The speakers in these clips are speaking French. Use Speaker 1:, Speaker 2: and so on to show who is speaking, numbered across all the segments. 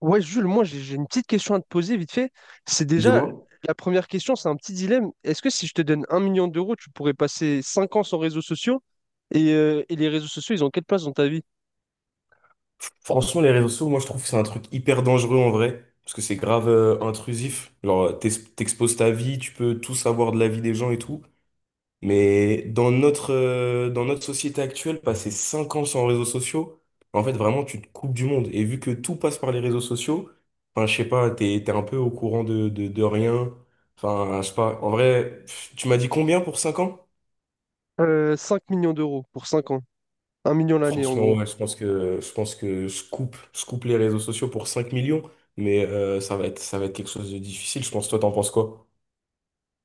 Speaker 1: Ouais, Jules, moi j'ai une petite question à te poser vite fait. C'est déjà
Speaker 2: Dis-moi.
Speaker 1: la première question, c'est un petit dilemme. Est-ce que si je te donne 1 million d'euros, tu pourrais passer 5 ans sans réseaux sociaux? Et les réseaux sociaux, ils ont quelle place dans ta vie?
Speaker 2: Franchement, les réseaux sociaux, moi, je trouve que c'est un truc hyper dangereux en vrai, parce que c'est grave intrusif. Genre, t'exposes ta vie, tu peux tout savoir de la vie des gens et tout. Mais dans notre société actuelle, passer 5 ans sans réseaux sociaux, en fait, vraiment, tu te coupes du monde. Et vu que tout passe par les réseaux sociaux, enfin, je sais pas, t'es un peu au courant de rien. Enfin, je sais pas. En vrai, pff, tu m'as dit combien pour 5 ans?
Speaker 1: 5 millions d'euros pour 5 ans. 1 million l'année en
Speaker 2: Franchement,
Speaker 1: gros.
Speaker 2: ouais, je pense que je coupe les réseaux sociaux pour 5 millions, mais ça va être quelque chose de difficile. Je pense, toi, t'en penses quoi?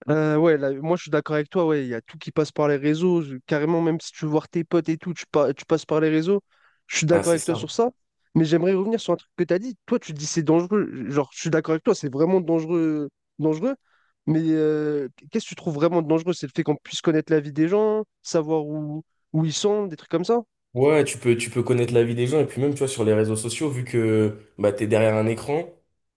Speaker 1: Ouais, là, moi je suis d'accord avec toi, ouais, il y a tout qui passe par les réseaux, carrément même si tu veux voir tes potes et tout, tu passes par les réseaux, je suis
Speaker 2: Ah,
Speaker 1: d'accord
Speaker 2: c'est
Speaker 1: avec toi
Speaker 2: ça.
Speaker 1: sur ça, mais j'aimerais revenir sur un truc que tu as dit, toi tu dis c'est dangereux, genre je suis d'accord avec toi, c'est vraiment dangereux, dangereux, mais qu'est-ce que tu trouves vraiment dangereux? C'est le fait qu'on puisse connaître la vie des gens, savoir où ils sont, des trucs comme ça?
Speaker 2: Ouais, tu peux connaître la vie des gens et puis même, tu vois, sur les réseaux sociaux, vu que bah, t'es derrière un écran,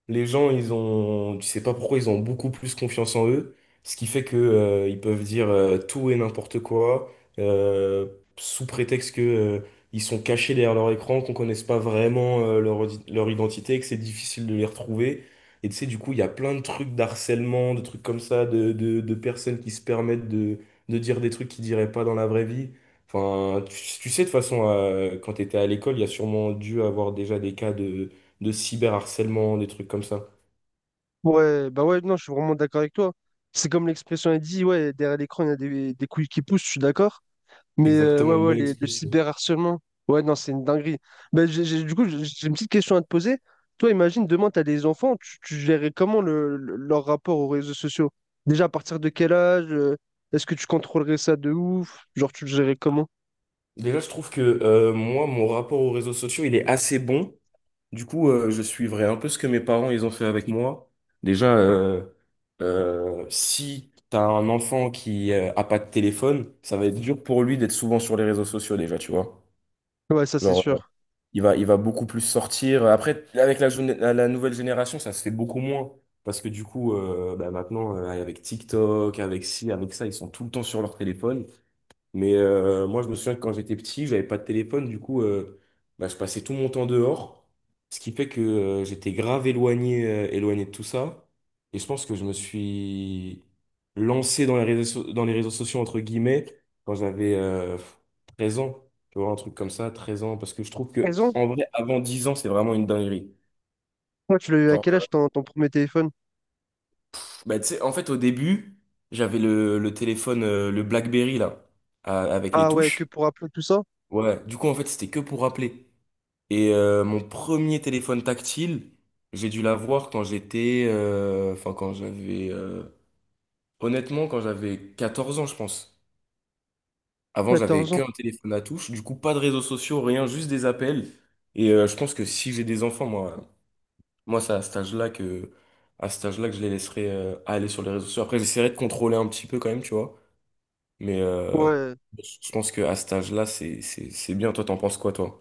Speaker 2: les gens, ils ont, tu sais pas pourquoi, ils ont beaucoup plus confiance en eux, ce qui fait que ils peuvent dire tout et n'importe quoi, euh, sous prétexte que ils sont cachés derrière leur écran, qu'on connaisse pas vraiment leur, leur identité, que c'est difficile de les retrouver. Et tu sais, du coup, il y a plein de trucs d'harcèlement, de trucs comme ça, de personnes qui se permettent de dire des trucs qu'ils diraient pas dans la vraie vie. Enfin, tu sais, de toute façon, quand tu étais à l'école, il y a sûrement dû avoir déjà des cas de cyberharcèlement, des trucs comme ça.
Speaker 1: Ouais, bah ouais, non, je suis vraiment d'accord avec toi. C'est comme l'expression a dit, ouais, derrière l'écran il y a des couilles qui poussent, je suis d'accord. Mais
Speaker 2: Exactement,
Speaker 1: ouais,
Speaker 2: une
Speaker 1: ouais,
Speaker 2: bonne
Speaker 1: le
Speaker 2: expression.
Speaker 1: cyberharcèlement. Ouais, non, c'est une dinguerie. Ben, du coup, j'ai une petite question à te poser. Toi, imagine, demain, tu as des enfants, tu gérerais comment leur rapport aux réseaux sociaux? Déjà, à partir de quel âge? Est-ce que tu contrôlerais ça de ouf? Genre, tu le gérerais comment?
Speaker 2: Déjà, je trouve que moi, mon rapport aux réseaux sociaux, il est assez bon. Du coup, je suivrai un peu ce que mes parents, ils ont fait avec moi. Déjà, si tu as un enfant qui a pas de téléphone, ça va être dur pour lui d'être souvent sur les réseaux sociaux déjà, tu vois.
Speaker 1: Ouais, ça, c'est
Speaker 2: Genre,
Speaker 1: sûr.
Speaker 2: il va beaucoup plus sortir. Après, avec la, jeune- la la nouvelle génération, ça se fait beaucoup moins. Parce que du coup, bah, maintenant, avec TikTok, avec ci, avec ça, ils sont tout le temps sur leur téléphone. Mais moi, je me souviens que quand j'étais petit, j'avais pas de téléphone, du coup, bah, je passais tout mon temps dehors, ce qui fait que j'étais grave éloigné, de tout ça. Et je pense que je me suis lancé dans les réseaux sociaux, entre guillemets, quand j'avais 13 ans, tu vois, un truc comme ça, 13 ans, parce que je trouve que, en vrai, avant 10 ans, c'est vraiment une dinguerie.
Speaker 1: Toi, tu l'as eu à
Speaker 2: Genre,
Speaker 1: quel âge ton premier téléphone?
Speaker 2: bah, tu sais, en fait, au début, j'avais le téléphone, le BlackBerry, là, avec les
Speaker 1: Ah ouais, que
Speaker 2: touches.
Speaker 1: pour appeler tout ça?
Speaker 2: Ouais, du coup, en fait, c'était que pour appeler. Et mon premier téléphone tactile, j'ai dû l'avoir quand j'étais, enfin, quand j'avais, honnêtement, quand j'avais 14 ans, je pense. Avant, j'avais
Speaker 1: 14 ans.
Speaker 2: qu'un téléphone à touche. Du coup, pas de réseaux sociaux, rien, juste des appels. Et je pense que si j'ai des enfants, moi, moi c'est à cet âge-là que je les laisserai aller sur les réseaux sociaux. Après, j'essaierai de contrôler un petit peu quand même, tu vois. Mais
Speaker 1: Ouais,
Speaker 2: je pense qu'à cet âge-là, c'est bien. Toi, t'en penses quoi, toi?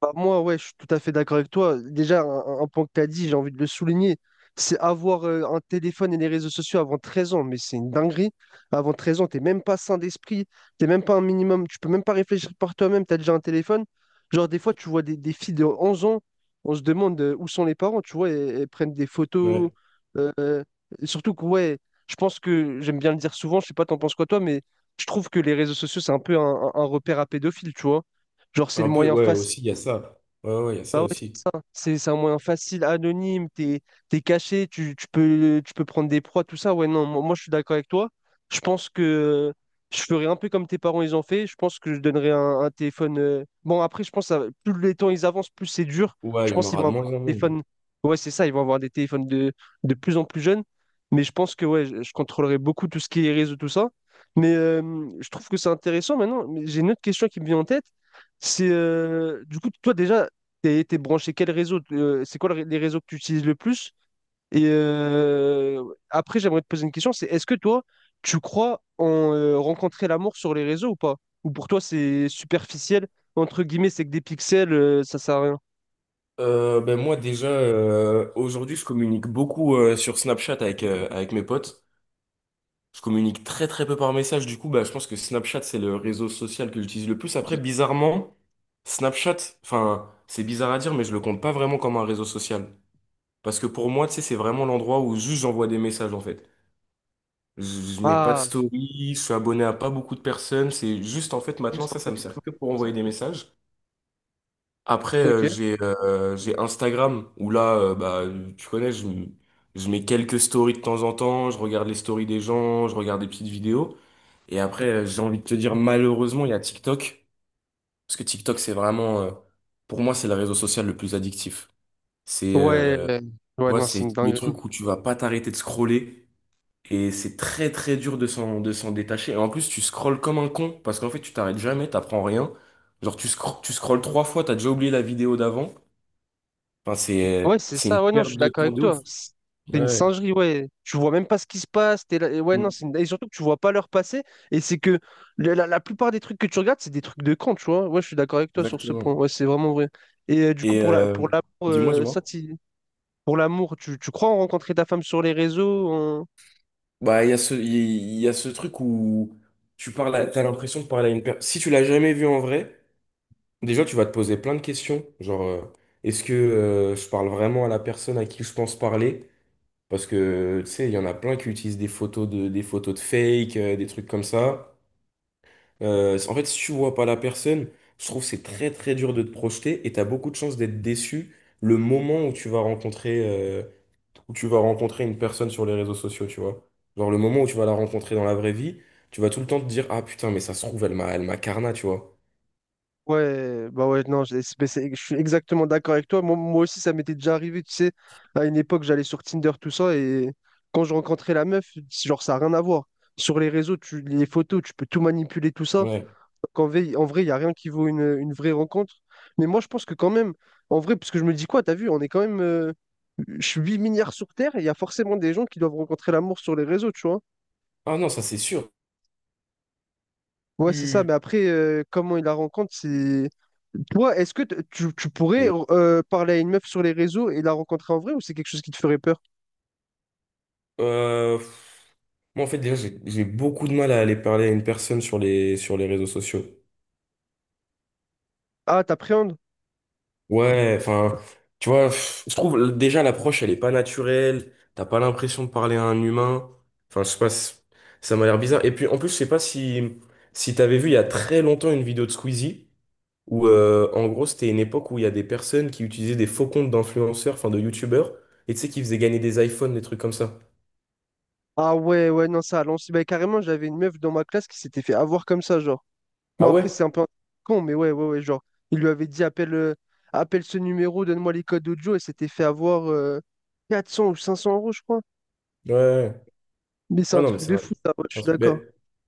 Speaker 1: bah, moi, ouais, je suis tout à fait d'accord avec toi. Déjà, un point que tu as dit, j'ai envie de le souligner, c'est avoir un téléphone et les réseaux sociaux avant 13 ans, mais c'est une dinguerie. Avant 13 ans, t'es même pas sain d'esprit, t'es même pas un minimum, tu peux même pas réfléchir par toi-même, tu as déjà un téléphone. Genre, des fois, tu vois des filles de 11 ans, on se demande où sont les parents, tu vois, elles prennent des photos.
Speaker 2: Ouais.
Speaker 1: euh, euh, et surtout que, ouais, je pense que, j'aime bien le dire souvent, je sais pas, t'en penses quoi toi, mais je trouve que les réseaux sociaux, c'est un peu un, un repère à pédophiles, tu vois. Genre, c'est le
Speaker 2: Un peu,
Speaker 1: moyen
Speaker 2: ouais, aussi, il y a ça. Ouais, ouais, il y a ça aussi.
Speaker 1: ça. C'est un moyen facile, anonyme, t'es caché, tu peux prendre des proies, tout ça. Ouais, non, moi, moi, je suis d'accord avec toi. Je pense que je ferais un peu comme tes parents, ils ont fait. Je pense que je donnerais un téléphone. Bon, après, je pense que ça plus les temps ils avancent, plus c'est dur.
Speaker 2: Ouais,
Speaker 1: Je
Speaker 2: il y en
Speaker 1: pense qu'ils
Speaker 2: aura
Speaker 1: vont
Speaker 2: de
Speaker 1: avoir
Speaker 2: moins en
Speaker 1: des
Speaker 2: moins.
Speaker 1: téléphones. Ouais, c'est ça, ils vont avoir des téléphones de plus en plus jeunes. Mais je pense que ouais, je contrôlerai beaucoup tout ce qui est réseau, tout ça. Mais je trouve que c'est intéressant maintenant. Mais j'ai une autre question qui me vient en tête. C'est du coup, toi déjà, t'es branché quel réseau? C'est quoi le les réseaux que tu utilises le plus? Et euh, après, j'aimerais te poser une question, c'est est-ce que toi, tu crois en rencontrer l'amour sur les réseaux ou pas? Ou pour toi, c'est superficiel, entre guillemets, c'est que des pixels, ça sert à rien.
Speaker 2: Ben moi, déjà, aujourd'hui, je communique beaucoup sur Snapchat avec mes potes. Je communique très, très peu par message. Du coup, bah, je pense que Snapchat, c'est le réseau social que j'utilise le plus. Après, bizarrement, Snapchat, enfin, c'est bizarre à dire, mais je le compte pas vraiment comme un réseau social. Parce que pour moi, tu sais, c'est vraiment l'endroit où juste j'envoie des messages, en fait. Je mets pas de
Speaker 1: Ah,
Speaker 2: story, je suis abonné à pas beaucoup de personnes. C'est juste, en fait, maintenant,
Speaker 1: juste
Speaker 2: ça
Speaker 1: après
Speaker 2: me
Speaker 1: tout
Speaker 2: sert que pour envoyer des messages. Après,
Speaker 1: ok.
Speaker 2: j'ai Instagram où là, bah, tu connais, je mets quelques stories de temps en temps, je regarde les stories des gens, je regarde des petites vidéos. Et après, j'ai envie de te dire, malheureusement, il y a TikTok. Parce que TikTok, c'est vraiment, pour moi, c'est le réseau social le plus addictif. C'est,
Speaker 1: Ouais,
Speaker 2: tu
Speaker 1: ouais,
Speaker 2: vois,
Speaker 1: non, c'est
Speaker 2: c'est
Speaker 1: une
Speaker 2: les
Speaker 1: dinguerie.
Speaker 2: trucs où tu vas pas t'arrêter de scroller. Et c'est très, très dur de s'en détacher. Et en plus, tu scrolles comme un con. Parce qu'en fait, tu t'arrêtes jamais, t'apprends rien. Genre, tu scrolles trois fois, t'as déjà oublié la vidéo d'avant. Enfin,
Speaker 1: Ouais, c'est
Speaker 2: c'est une
Speaker 1: ça. Ouais, non, je
Speaker 2: perte
Speaker 1: suis
Speaker 2: de
Speaker 1: d'accord
Speaker 2: temps
Speaker 1: avec
Speaker 2: de ouf.
Speaker 1: toi. C'est une
Speaker 2: Ouais.
Speaker 1: singerie, ouais. Tu vois même pas ce qui se passe. T'es là- et Ouais, non,
Speaker 2: Mm.
Speaker 1: Et surtout que tu vois pas l'heure passer. Et c'est que la plupart des trucs que tu regardes, c'est des trucs de con, tu vois. Ouais, je suis d'accord avec toi sur ce point.
Speaker 2: Exactement.
Speaker 1: Ouais, c'est vraiment vrai. Du coup,
Speaker 2: Et
Speaker 1: pour pour l'amour,
Speaker 2: dis-moi, dis-moi.
Speaker 1: tu crois en rencontrer ta femme sur les réseaux?
Speaker 2: Bah, il y a ce, il y, a ce truc où tu parles t'as l'impression de parler à une personne. Si tu l'as jamais vu en vrai, déjà, tu vas te poser plein de questions. Genre, est-ce que je parle vraiment à la personne à qui je pense parler? Parce que, tu sais, il y en a plein qui utilisent des photos de fake, des trucs comme ça. En fait, si tu vois pas la personne, je trouve que c'est très très dur de te projeter et tu as beaucoup de chances d'être déçu le moment où tu vas rencontrer une personne sur les réseaux sociaux, tu vois. Genre le moment où tu vas la rencontrer dans la vraie vie, tu vas tout le temps te dire ah putain mais ça se trouve elle m'a carna, tu vois.
Speaker 1: Ouais, bah ouais, non, je suis exactement d'accord avec toi. Moi, moi aussi, ça m'était déjà arrivé, tu sais, à une époque, j'allais sur Tinder, tout ça, et quand je rencontrais la meuf, genre, ça n'a rien à voir. Sur les réseaux, les photos, tu peux tout manipuler, tout ça.
Speaker 2: Ouais.
Speaker 1: Donc, en vrai, il n'y a rien qui vaut une vraie rencontre. Mais moi, je pense que quand même, en vrai, parce que je me dis quoi, t'as vu, on est quand même 8 milliards sur Terre, et il y a forcément des gens qui doivent rencontrer l'amour sur les réseaux, tu vois.
Speaker 2: Ah non, ça c'est sûr.
Speaker 1: Ouais, c'est ça,
Speaker 2: Tu-
Speaker 1: mais après, comment il la rencontre, c'est... Toi, est-ce que tu pourrais parler à une meuf sur les réseaux et la rencontrer en vrai ou c'est quelque chose qui te ferait peur?
Speaker 2: pff, moi en fait déjà j'ai beaucoup de mal à aller parler à une personne sur les réseaux sociaux.
Speaker 1: Ah, t'appréhendes?
Speaker 2: Ouais, enfin, tu vois, pff, je trouve déjà l'approche, elle est pas naturelle. T'as pas l'impression de parler à un humain. Enfin, je sais pas, ça m'a l'air bizarre. Et puis, en plus, je sais pas si t'avais vu il y a très longtemps une vidéo de Squeezie où, en gros, c'était une époque où il y a des personnes qui utilisaient des faux comptes d'influenceurs, enfin de youtubeurs, et tu sais, qui faisaient gagner des iPhones, des trucs comme ça.
Speaker 1: Ah ouais, ouais, non, ça, à l'ancienne, bah, carrément, j'avais une meuf dans ma classe qui s'était fait avoir comme ça, genre. Bon,
Speaker 2: Ah ouais?
Speaker 1: après, c'est un peu un con, mais ouais, ouais, ouais, genre, il lui avait dit, appelle ce numéro, donne-moi les codes audio, et s'était fait avoir 400 ou 500 euros, je crois.
Speaker 2: Ouais, ouais, ouais.
Speaker 1: Mais c'est
Speaker 2: Ouais,
Speaker 1: un
Speaker 2: non, mais
Speaker 1: truc
Speaker 2: c'est
Speaker 1: de
Speaker 2: un,
Speaker 1: fou, ça, ouais, je
Speaker 2: c'est un
Speaker 1: suis
Speaker 2: truc. Mais
Speaker 1: d'accord.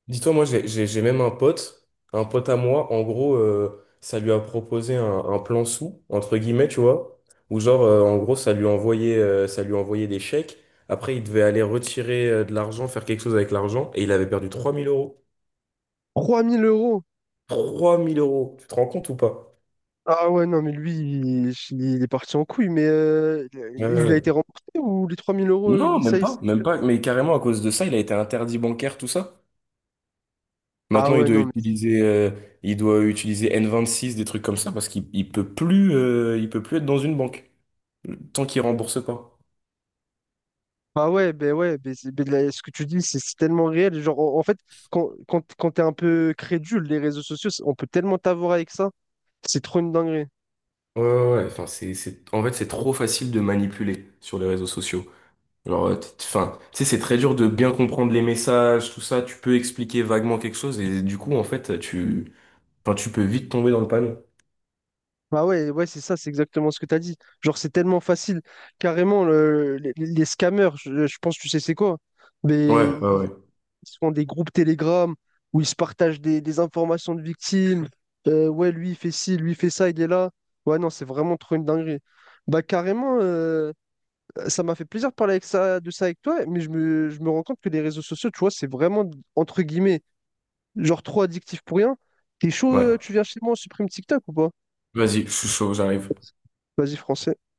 Speaker 2: dis-toi, moi, j'ai même un pote à moi, en gros, ça lui a proposé un plan sous, entre guillemets, tu vois, où genre, en gros, ça lui envoyait des chèques. Après, il devait aller retirer de l'argent, faire quelque chose avec l'argent, et il avait perdu 3 000 euros.
Speaker 1: 3 000 euros!
Speaker 2: 3 000 euros, tu te rends compte ou pas?
Speaker 1: Ah ouais, non, mais lui, il est parti en couille, mais
Speaker 2: Ouais, ouais,
Speaker 1: il a
Speaker 2: ouais.
Speaker 1: été remboursé ou les 3000 euros,
Speaker 2: Non,
Speaker 1: il, ça,
Speaker 2: même
Speaker 1: il-
Speaker 2: pas, même pas. Mais carrément, à cause de ça, il a été interdit bancaire, tout ça.
Speaker 1: Ah
Speaker 2: Maintenant, il
Speaker 1: ouais,
Speaker 2: doit
Speaker 1: non, mais...
Speaker 2: utiliser, euh, il doit utiliser N26, des trucs comme ça, parce qu'il il peut plus être dans une banque tant qu'il rembourse pas.
Speaker 1: Ah ouais, ben ben là, ce que tu dis, c'est tellement réel. Genre, en fait, quand t'es un peu crédule, les réseaux sociaux, on peut tellement t'avoir avec ça, c'est trop une dinguerie.
Speaker 2: Ouais, ouais, ouais. Enfin, en fait, c'est trop facile de manipuler sur les réseaux sociaux. Alors, enfin, tu sais, c'est très dur de bien comprendre les messages, tout ça. Tu peux expliquer vaguement quelque chose et du coup, en fait, enfin, tu peux vite tomber dans le panneau.
Speaker 1: Ah ouais, ouais, c'est ça, c'est exactement ce que t'as dit. Genre, c'est tellement facile. Carrément, les scammers, je pense, tu sais, c'est quoi? Mais
Speaker 2: Ouais, ouais, ouais.
Speaker 1: Ils se font des groupes Telegram où ils se partagent des informations de victimes. Ouais, lui, il fait ci, lui, il fait ça, il est là. Ouais, non, c'est vraiment trop une dinguerie. Bah, carrément, ça m'a fait plaisir de parler de ça avec toi, mais je me rends compte que les réseaux sociaux, tu vois, c'est vraiment, entre guillemets, genre trop addictif pour rien. T'es chaud,
Speaker 2: Ouais.
Speaker 1: tu viens chez moi, on supprime TikTok ou pas?
Speaker 2: Vas-y, je suis chaud, j'arrive.
Speaker 1: Vas-y, français.